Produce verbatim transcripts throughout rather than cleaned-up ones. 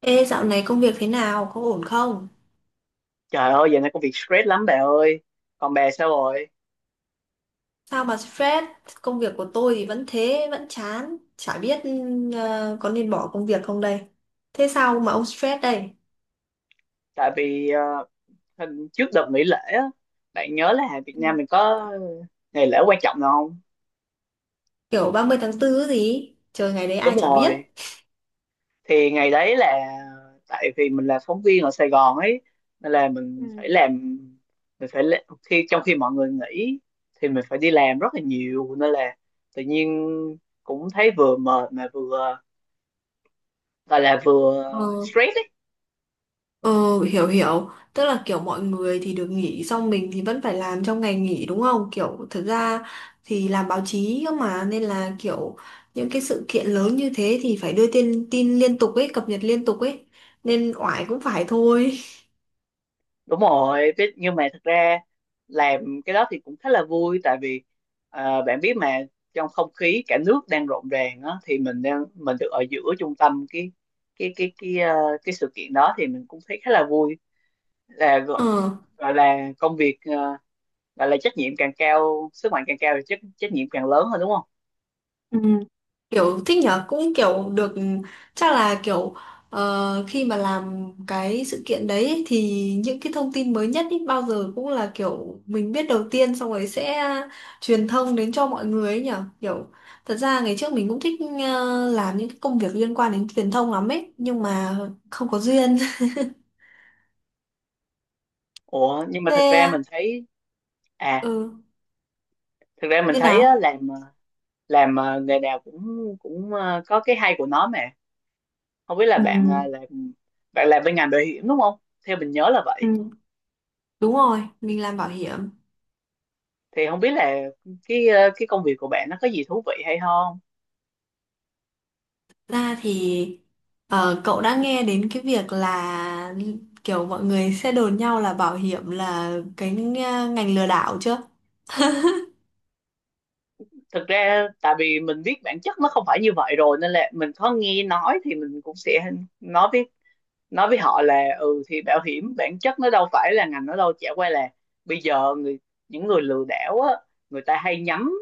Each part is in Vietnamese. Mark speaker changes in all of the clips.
Speaker 1: Ê, dạo này công việc thế nào? Có ổn không?
Speaker 2: Trời ơi, giờ này công việc stress lắm bà ơi. Còn bà sao rồi?
Speaker 1: Sao mà stress? Công việc của tôi thì vẫn thế, vẫn chán. Chả biết ờ, có nên bỏ công việc không đây? Thế sao mà ông stress đây?
Speaker 2: Tại vì ờ, hình- Trước đợt nghỉ lễ á, bạn nhớ là Việt
Speaker 1: Ừ.
Speaker 2: Nam mình có ngày lễ quan trọng nào không?
Speaker 1: Kiểu ba mươi tháng tư gì? Trời ngày đấy
Speaker 2: Đúng
Speaker 1: ai chả biết.
Speaker 2: rồi. Thì ngày đấy là, tại vì mình là phóng viên ở Sài Gòn ấy, nên là
Speaker 1: Ừ.
Speaker 2: mình phải làm, mình phải lễ- khi trong khi mọi người nghỉ thì mình phải đi làm rất là nhiều, nên là tự nhiên cũng thấy vừa mệt mà vừa gọi là vừa
Speaker 1: Ờ.
Speaker 2: stress.
Speaker 1: Ờ, hiểu hiểu. Tức là kiểu mọi người thì được nghỉ. Xong mình thì vẫn phải làm trong ngày nghỉ, đúng không? Kiểu thật ra thì làm báo chí cơ mà. Nên là kiểu những cái sự kiện lớn như thế thì phải đưa tin, tin liên tục ấy. Cập nhật liên tục ấy. Nên oải cũng phải thôi.
Speaker 2: Đúng rồi, biết, nhưng mà thật ra làm cái đó thì cũng khá là vui, tại vì ờ, bạn biết mà, trong không khí cả nước đang rộn ràng á thì mình đang mình được ở giữa trung tâm cái cái cái cái ờ, cái sự kiện đó, thì mình cũng thấy khá là vui, là gọi
Speaker 1: Ờ.
Speaker 2: gọi là công việc ờ, gọi là trách nhiệm càng cao sức mạnh càng cao thì trách trách nhiệm càng lớn hơn, đúng không?
Speaker 1: Ừ. Kiểu thích nhở, cũng kiểu được. Chắc là kiểu ờ, khi mà làm cái sự kiện đấy ấy, thì những cái thông tin mới nhất ý, bao giờ cũng là kiểu mình biết đầu tiên xong rồi sẽ truyền thông đến cho mọi người ấy nhở. Kiểu thật ra ngày trước mình cũng thích ờ, làm những cái công việc liên quan đến truyền thông lắm ấy, nhưng mà không có duyên.
Speaker 2: Ủa, nhưng mà thật
Speaker 1: Thế.
Speaker 2: ra mình thấy à
Speaker 1: Ừ.
Speaker 2: thật ra mình
Speaker 1: Như
Speaker 2: thấy á,
Speaker 1: nào?
Speaker 2: làm ờ, làm ờ, nghề nào cũng cũng ờ, có cái hay của nó mà. Không biết là
Speaker 1: Ừ.
Speaker 2: bạn à, làm bạn làm bên ngành bảo hiểm đúng không, theo mình nhớ là vậy.
Speaker 1: Ừ. Đúng rồi, mình làm bảo hiểm.
Speaker 2: Thì không biết là cái ờ, cái công việc của bạn nó có gì thú vị hay không.
Speaker 1: Ra thì ờ, cậu đã nghe đến cái việc là kiểu mọi người sẽ đồn nhau là bảo hiểm là cái ờ, ngành lừa đảo chưa?
Speaker 2: Thực ra tại vì mình biết bản chất nó không phải như vậy rồi, nên là mình có nghe nói thì mình cũng sẽ nói với nói với họ là, ừ thì bảo hiểm bản chất nó đâu phải là ngành, nó đâu chả qua là bây giờ người những người lừa đảo á, người ta hay nhắm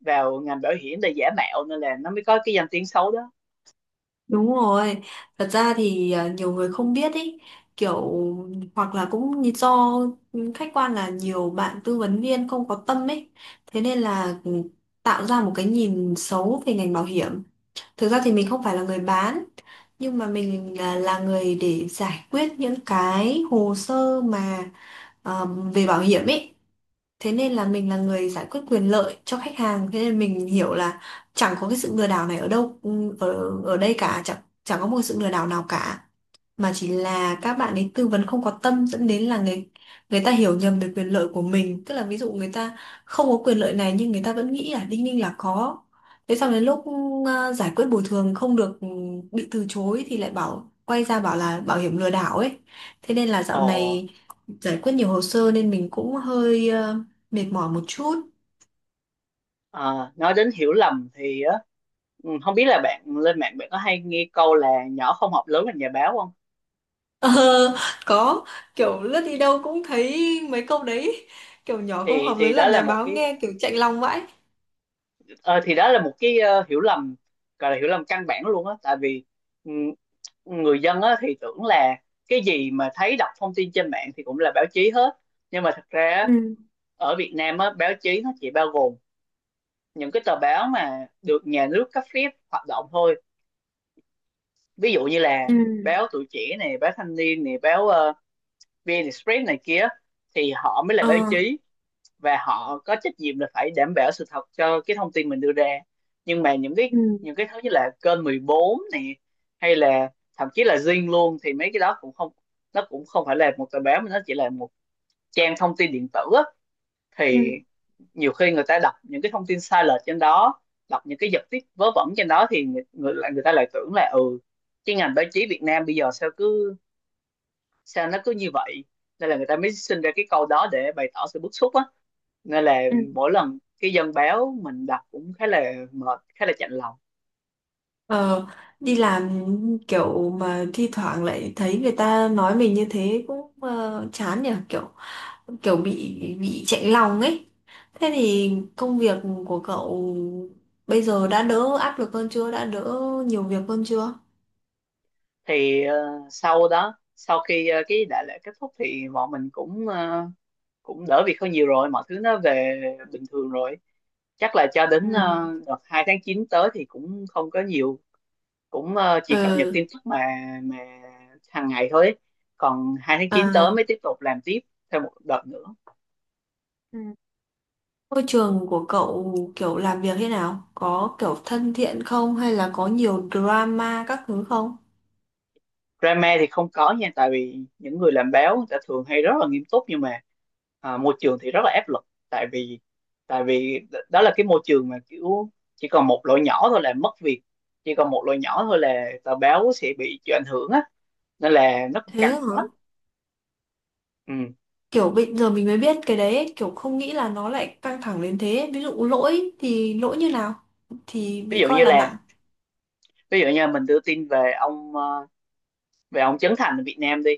Speaker 2: vào ngành bảo hiểm để giả mạo, nên là nó mới có cái danh tiếng xấu đó.
Speaker 1: Đúng rồi. Thật ra thì ờ, nhiều người không biết ý, kiểu hoặc là cũng như do khách quan là nhiều bạn tư vấn viên không có tâm ấy. Thế nên là ừ, tạo ra một cái nhìn xấu về ngành bảo hiểm. Thực ra thì mình không phải là người bán, nhưng mà mình là, là người để giải quyết những cái hồ sơ mà ờ, về bảo hiểm ấy. Thế nên là mình là người giải quyết quyền lợi cho khách hàng, thế nên mình hiểu là chẳng có cái sự lừa đảo này ở đâu, ừ, ở ở đây cả. Chẳng chẳng có một sự lừa đảo nào cả, mà chỉ là các bạn ấy tư vấn không có tâm, dẫn đến là người người ta hiểu nhầm về quyền lợi của mình, tức là ví dụ người ta không có quyền lợi này nhưng người ta vẫn nghĩ là đinh ninh là có, thế xong đến lúc ờ, giải quyết bồi thường không được, ừ, bị từ chối thì lại bảo quay ra bảo là bảo hiểm lừa đảo ấy. Thế nên là dạo
Speaker 2: Ồ.
Speaker 1: này giải quyết nhiều hồ sơ nên mình cũng hơi ờ, mệt mỏi một chút.
Speaker 2: Ờ, nói đến hiểu lầm thì á, ừ, không biết là bạn lên mạng bạn có hay nghe câu là nhỏ không học lớn thành nhà báo không?
Speaker 1: Ờ, có. Kiểu lướt đi đâu cũng thấy mấy câu đấy, kiểu nhỏ không
Speaker 2: Thì
Speaker 1: học
Speaker 2: thì
Speaker 1: lớn
Speaker 2: đó
Speaker 1: làm
Speaker 2: là
Speaker 1: nhà
Speaker 2: một
Speaker 1: báo,
Speaker 2: cái
Speaker 1: nghe kiểu chạnh lòng vãi.
Speaker 2: ờ, thì đó là một cái ờ, hiểu lầm, gọi là hiểu lầm căn bản luôn á, tại vì ừ, người dân á thì tưởng là cái gì mà thấy đọc thông tin trên mạng thì cũng là báo chí hết, nhưng mà thật ra á,
Speaker 1: Ừ.
Speaker 2: ở Việt Nam á báo chí nó chỉ bao gồm những cái tờ báo mà được nhà nước cấp phép hoạt động thôi, ví dụ như là
Speaker 1: Ừ,
Speaker 2: báo Tuổi Trẻ này, báo Thanh Niên này, báo ờ, VnExpress này kia, thì họ mới là
Speaker 1: ờ,
Speaker 2: báo chí và họ có trách nhiệm là phải đảm bảo sự thật cho cái thông tin mình đưa ra. Nhưng mà những cái
Speaker 1: ừ,
Speaker 2: những cái thứ như là kênh mười bốn này, hay là thậm chí là Zing luôn thì mấy cái đó cũng không, nó cũng không phải là một tờ báo mà nó chỉ là một trang thông tin điện tử á,
Speaker 1: ừ,
Speaker 2: thì nhiều khi người ta đọc những cái thông tin sai lệch trên đó, đọc những cái giật tít vớ vẩn trên đó, thì người, người, người ta lại tưởng là, ừ cái ngành báo chí Việt Nam bây giờ sao cứ sao nó cứ như vậy, nên là người ta mới sinh ra cái câu đó để bày tỏ sự bức xúc á, nên là
Speaker 1: ừ.
Speaker 2: mỗi lần cái dân báo mình đọc cũng khá là mệt, khá là chạnh lòng.
Speaker 1: Ờ, đi làm kiểu mà thi thoảng lại thấy người ta nói mình như thế cũng ờ, chán nhỉ, kiểu kiểu bị bị chạy lòng ấy. Thế thì công việc của cậu bây giờ đã đỡ áp lực hơn chưa? Đã đỡ nhiều việc hơn chưa?
Speaker 2: Thì ờ, sau đó sau khi ờ, cái đại lễ kết thúc thì bọn mình cũng ờ, cũng đỡ việc hơn nhiều rồi, mọi thứ nó về bình thường rồi, chắc là cho
Speaker 1: Ừ.
Speaker 2: đến ờ, đợt hai tháng chín tới thì cũng không có nhiều, cũng ờ, chỉ cập nhật
Speaker 1: Ừ.
Speaker 2: tin tức mà mà hàng ngày thôi, còn hai tháng chín tới
Speaker 1: À.
Speaker 2: mới tiếp tục làm tiếp thêm một đợt nữa.
Speaker 1: Ừ. Môi trường của cậu kiểu làm việc thế nào? Có kiểu thân thiện không hay là có nhiều drama các thứ không?
Speaker 2: Drama thì không có nha, tại vì những người làm báo người ta thường hay rất là nghiêm túc, nhưng mà à, môi trường thì rất là áp lực, tại vì tại vì đ- đó là cái môi trường mà kiểu chỉ còn một lỗi nhỏ thôi là mất việc, chỉ còn một lỗi nhỏ thôi là tờ báo sẽ bị chịu ảnh hưởng á, nên là nó cũng
Speaker 1: Thế
Speaker 2: căng
Speaker 1: hả?
Speaker 2: thẳng lắm. Ừ.
Speaker 1: Kiểu bây giờ mình mới biết cái đấy ấy, kiểu không nghĩ là nó lại căng thẳng đến thế. Ví dụ lỗi thì lỗi như nào thì
Speaker 2: ví
Speaker 1: bị
Speaker 2: dụ như
Speaker 1: coi là nặng.
Speaker 2: là Ví dụ như mình đưa tin về ông ờ, về ông Trấn Thành ở Việt Nam đi,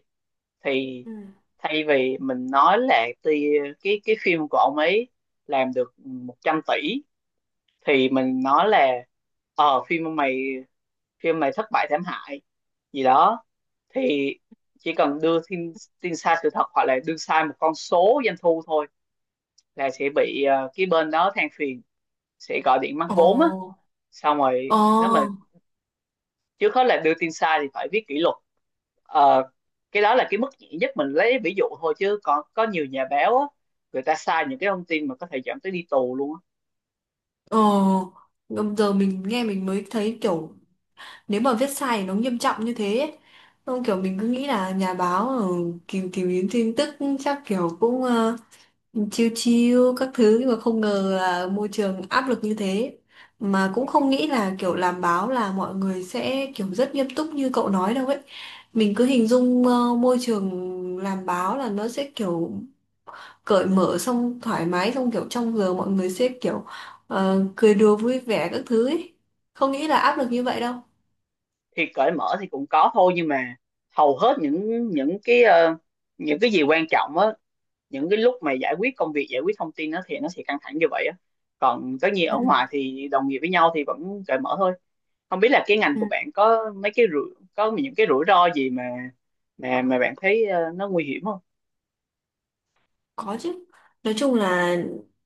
Speaker 2: thì
Speaker 1: Ừ.
Speaker 2: thay vì mình nói là, ti- cái cái phim của ông ấy làm được một trăm tỷ, thì mình nói là, ờ phim mà mày phim mày thất bại thảm hại gì đó, thì chỉ cần đưa tin tin sai sự thật hoặc là đưa sai một con số doanh thu thôi, là sẽ bị ờ, cái bên đó than phiền, sẽ gọi điện mắc
Speaker 1: Ồ,
Speaker 2: vốn á. Xong rồi
Speaker 1: ồ,
Speaker 2: nếu mà trước hết là đưa tin sai thì phải viết kỷ luật. Ờ, cái đó là cái mức nhẹ nhất mình lấy ví dụ thôi, chứ còn có nhiều nhà báo á người ta sai những cái thông tin mà có thể dẫn tới đi tù luôn á.
Speaker 1: ồ. Giờ mình nghe mình mới thấy kiểu nếu mà viết sai thì nó nghiêm trọng như thế ấy. Không, kiểu mình cứ nghĩ là nhà báo ờ, tìm tìm kiếm tin tức chắc kiểu cũng ờ, chiêu chiêu các thứ, nhưng mà không ngờ là môi trường áp lực như thế, mà cũng không nghĩ là kiểu làm báo là mọi người sẽ kiểu rất nghiêm túc như cậu nói đâu ấy. Mình cứ hình dung ờ, môi trường làm báo là nó sẽ kiểu cởi mở xong thoải mái xong kiểu trong giờ mọi người sẽ kiểu ờ, cười đùa vui vẻ các thứ ấy, không nghĩ là áp lực như vậy đâu.
Speaker 2: Thì cởi mở thì cũng có thôi, nhưng mà hầu hết những những cái ờ, những cái gì quan trọng á, những cái lúc mà giải quyết công việc, giải quyết thông tin nó thì nó sẽ căng thẳng như vậy á, còn tất nhiên ở ngoài
Speaker 1: Ừ.
Speaker 2: thì đồng nghiệp với nhau thì vẫn cởi mở thôi. Không biết là cái ngành
Speaker 1: Ừ.
Speaker 2: của bạn có mấy cái rủi có những cái rủi ro gì mà mà mà bạn thấy ờ, nó nguy hiểm không.
Speaker 1: Có chứ. Nói chung là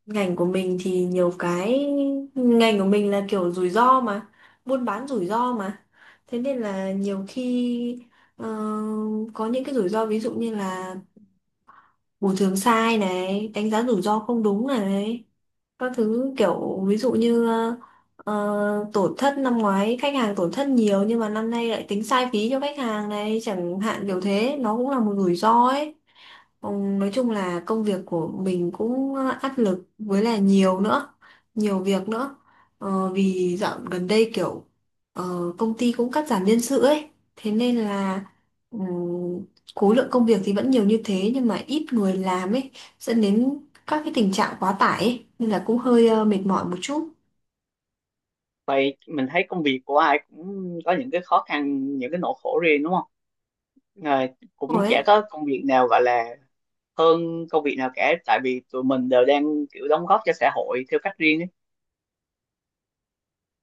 Speaker 1: ngành của mình thì nhiều cái, ngành của mình là kiểu rủi ro mà, buôn bán rủi ro mà. Thế nên là nhiều khi ờ, có những cái rủi ro ví dụ như là bồi thường sai này, đánh giá rủi ro không đúng này, các thứ kiểu ví dụ như ờ, ờ, tổn thất năm ngoái khách hàng tổn thất nhiều nhưng mà năm nay lại tính sai phí cho khách hàng này chẳng hạn, kiểu thế nó cũng là một rủi ro ấy. Ừ, nói chung là công việc của mình cũng ờ, áp lực với là nhiều nữa, nhiều việc nữa. Ờ, vì dạo gần đây kiểu ờ, công ty cũng cắt giảm nhân sự ấy, thế nên là ừ, khối lượng công việc thì vẫn nhiều như thế nhưng mà ít người làm ấy, dẫn đến các cái tình trạng quá tải ấy, nên là cũng hơi ờ, mệt mỏi một chút
Speaker 2: Vậy mình thấy công việc của ai cũng có những cái khó khăn, những cái nỗi khổ riêng, đúng không. Ờ, Cũng
Speaker 1: rồi
Speaker 2: chả
Speaker 1: ấy.
Speaker 2: có công việc nào gọi là hơn công việc nào cả, tại vì tụi mình đều đang kiểu đóng góp cho xã hội theo cách riêng ấy,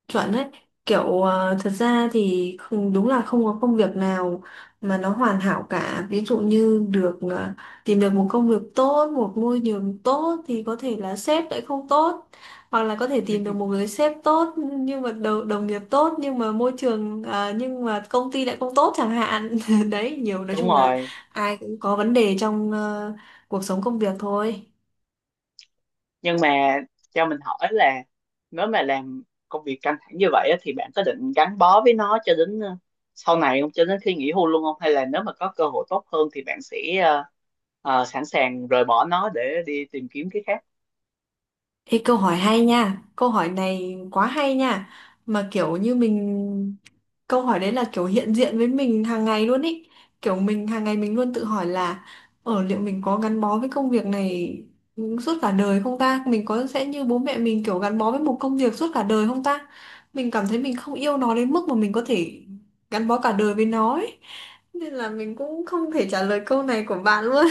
Speaker 1: Chuẩn đấy, kiểu ờ, thật ra thì không, đúng là không có công việc nào mà nó hoàn hảo cả, ví dụ như được ờ, tìm được một công việc tốt một môi trường tốt thì có thể là sếp lại không tốt, hoặc là có thể tìm được một người sếp tốt nhưng mà đồng, đồng nghiệp tốt nhưng mà môi trường ờ, nhưng mà công ty lại không tốt chẳng hạn. Đấy, nhiều, nói
Speaker 2: đúng
Speaker 1: chung là
Speaker 2: rồi.
Speaker 1: ai cũng có vấn đề trong ờ, cuộc sống công việc thôi.
Speaker 2: Nhưng mà cho mình hỏi là, nếu mà làm công việc căng thẳng như vậy á, thì bạn có định gắn bó với nó cho đến ờ, sau này không, cho đến khi nghỉ hưu luôn không, hay là nếu mà có cơ hội tốt hơn thì bạn sẽ ờ, ờ, sẵn sàng rời bỏ nó để đi tìm kiếm cái khác.
Speaker 1: Ê, câu hỏi hay nha, câu hỏi này quá hay nha, mà kiểu như mình, câu hỏi đấy là kiểu hiện diện với mình hàng ngày luôn ý, kiểu mình hàng ngày mình luôn tự hỏi là, ở liệu mình có gắn bó với công việc này suốt cả đời không ta, mình có sẽ như bố mẹ mình kiểu gắn bó với một công việc suốt cả đời không ta, mình cảm thấy mình không yêu nó đến mức mà mình có thể gắn bó cả đời với nó ấy, nên là mình cũng không thể trả lời câu này của bạn luôn.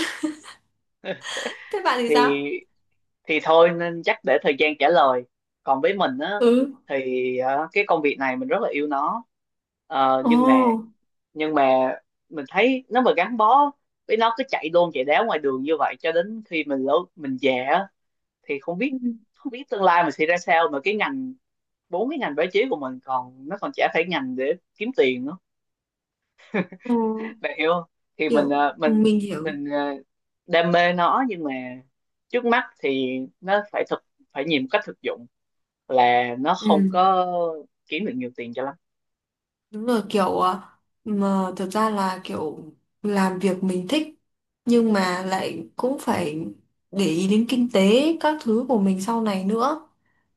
Speaker 1: Thế bạn thì sao?
Speaker 2: Thì thì thôi nên chắc để thời gian trả lời, còn với mình á
Speaker 1: Ừ,
Speaker 2: thì ờ, cái công việc này mình rất là yêu nó. Ờ,
Speaker 1: ồ.
Speaker 2: nhưng mà nhưng mà mình thấy nếu mà gắn bó với nó cứ chạy đôn chạy đáo ngoài đường như vậy cho đến khi mình lớn mình già á, thì không
Speaker 1: Ừ.
Speaker 2: biết, không biết tương lai mình sẽ ra sao, mà cái ngành, bốn cái ngành báo chí của mình còn, nó còn chả phải ngành để kiếm tiền nữa,
Speaker 1: Ừ.
Speaker 2: bạn hiểu không. Thì mình
Speaker 1: Kiểu
Speaker 2: ờ,
Speaker 1: ừ,
Speaker 2: mình
Speaker 1: mình hiểu.
Speaker 2: mình ờ, đam mê nó, nhưng mà trước mắt thì nó phải thực phải nhìn một cách thực dụng, là nó không
Speaker 1: Ừ,
Speaker 2: có kiếm được nhiều tiền cho lắm.
Speaker 1: đúng rồi, kiểu ờ, mà thật ra là kiểu làm việc mình thích nhưng mà lại cũng phải để ý đến kinh tế các thứ của mình sau này nữa.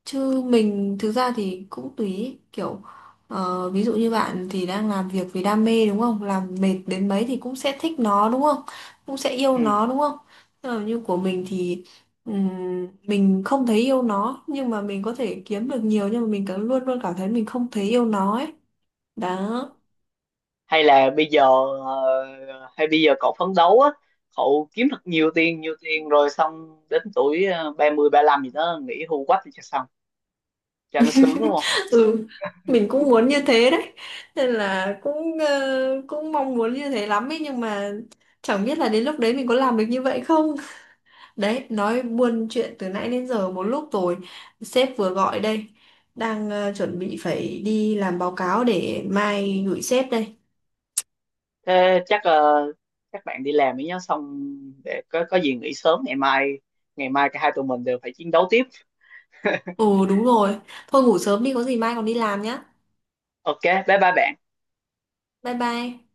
Speaker 1: Chứ mình thực ra thì cũng tùy ý, kiểu ờ, ví dụ như bạn thì đang làm việc vì đam mê đúng không? Làm mệt đến mấy thì cũng sẽ thích nó đúng không? Cũng sẽ yêu
Speaker 2: Ừ.
Speaker 1: nó đúng không? Ờ, như của mình thì ừm, mình không thấy yêu nó nhưng mà mình có thể kiếm được nhiều nhưng mà mình cứ luôn luôn cảm thấy mình không thấy yêu nó ấy. Đó.
Speaker 2: hay là bây giờ ờ, Hay bây giờ cậu phấn đấu á, cậu kiếm thật nhiều tiền nhiều tiền rồi xong đến tuổi ờ, ba lăm gì đó nghỉ hưu quách thì cho xong, cho nó sướng đúng không.
Speaker 1: Ừ. Mình cũng muốn như thế đấy. Nên là cũng ờ, cũng mong muốn như thế lắm ấy nhưng mà chẳng biết là đến lúc đấy mình có làm được như vậy không. Đấy, nói buôn chuyện từ nãy đến giờ một lúc rồi. Sếp vừa gọi đây. Đang ờ, chuẩn bị phải đi làm báo cáo để mai gửi sếp đây.
Speaker 2: Thế chắc ờ, các bạn đi làm đi nhá, xong để có có gì nghỉ sớm ngày mai, ngày mai cả hai tụi mình đều phải chiến đấu tiếp.
Speaker 1: Ồ đúng rồi. Thôi ngủ sớm đi có gì mai còn đi làm nhá.
Speaker 2: OK bye bye bạn.
Speaker 1: Bye bye.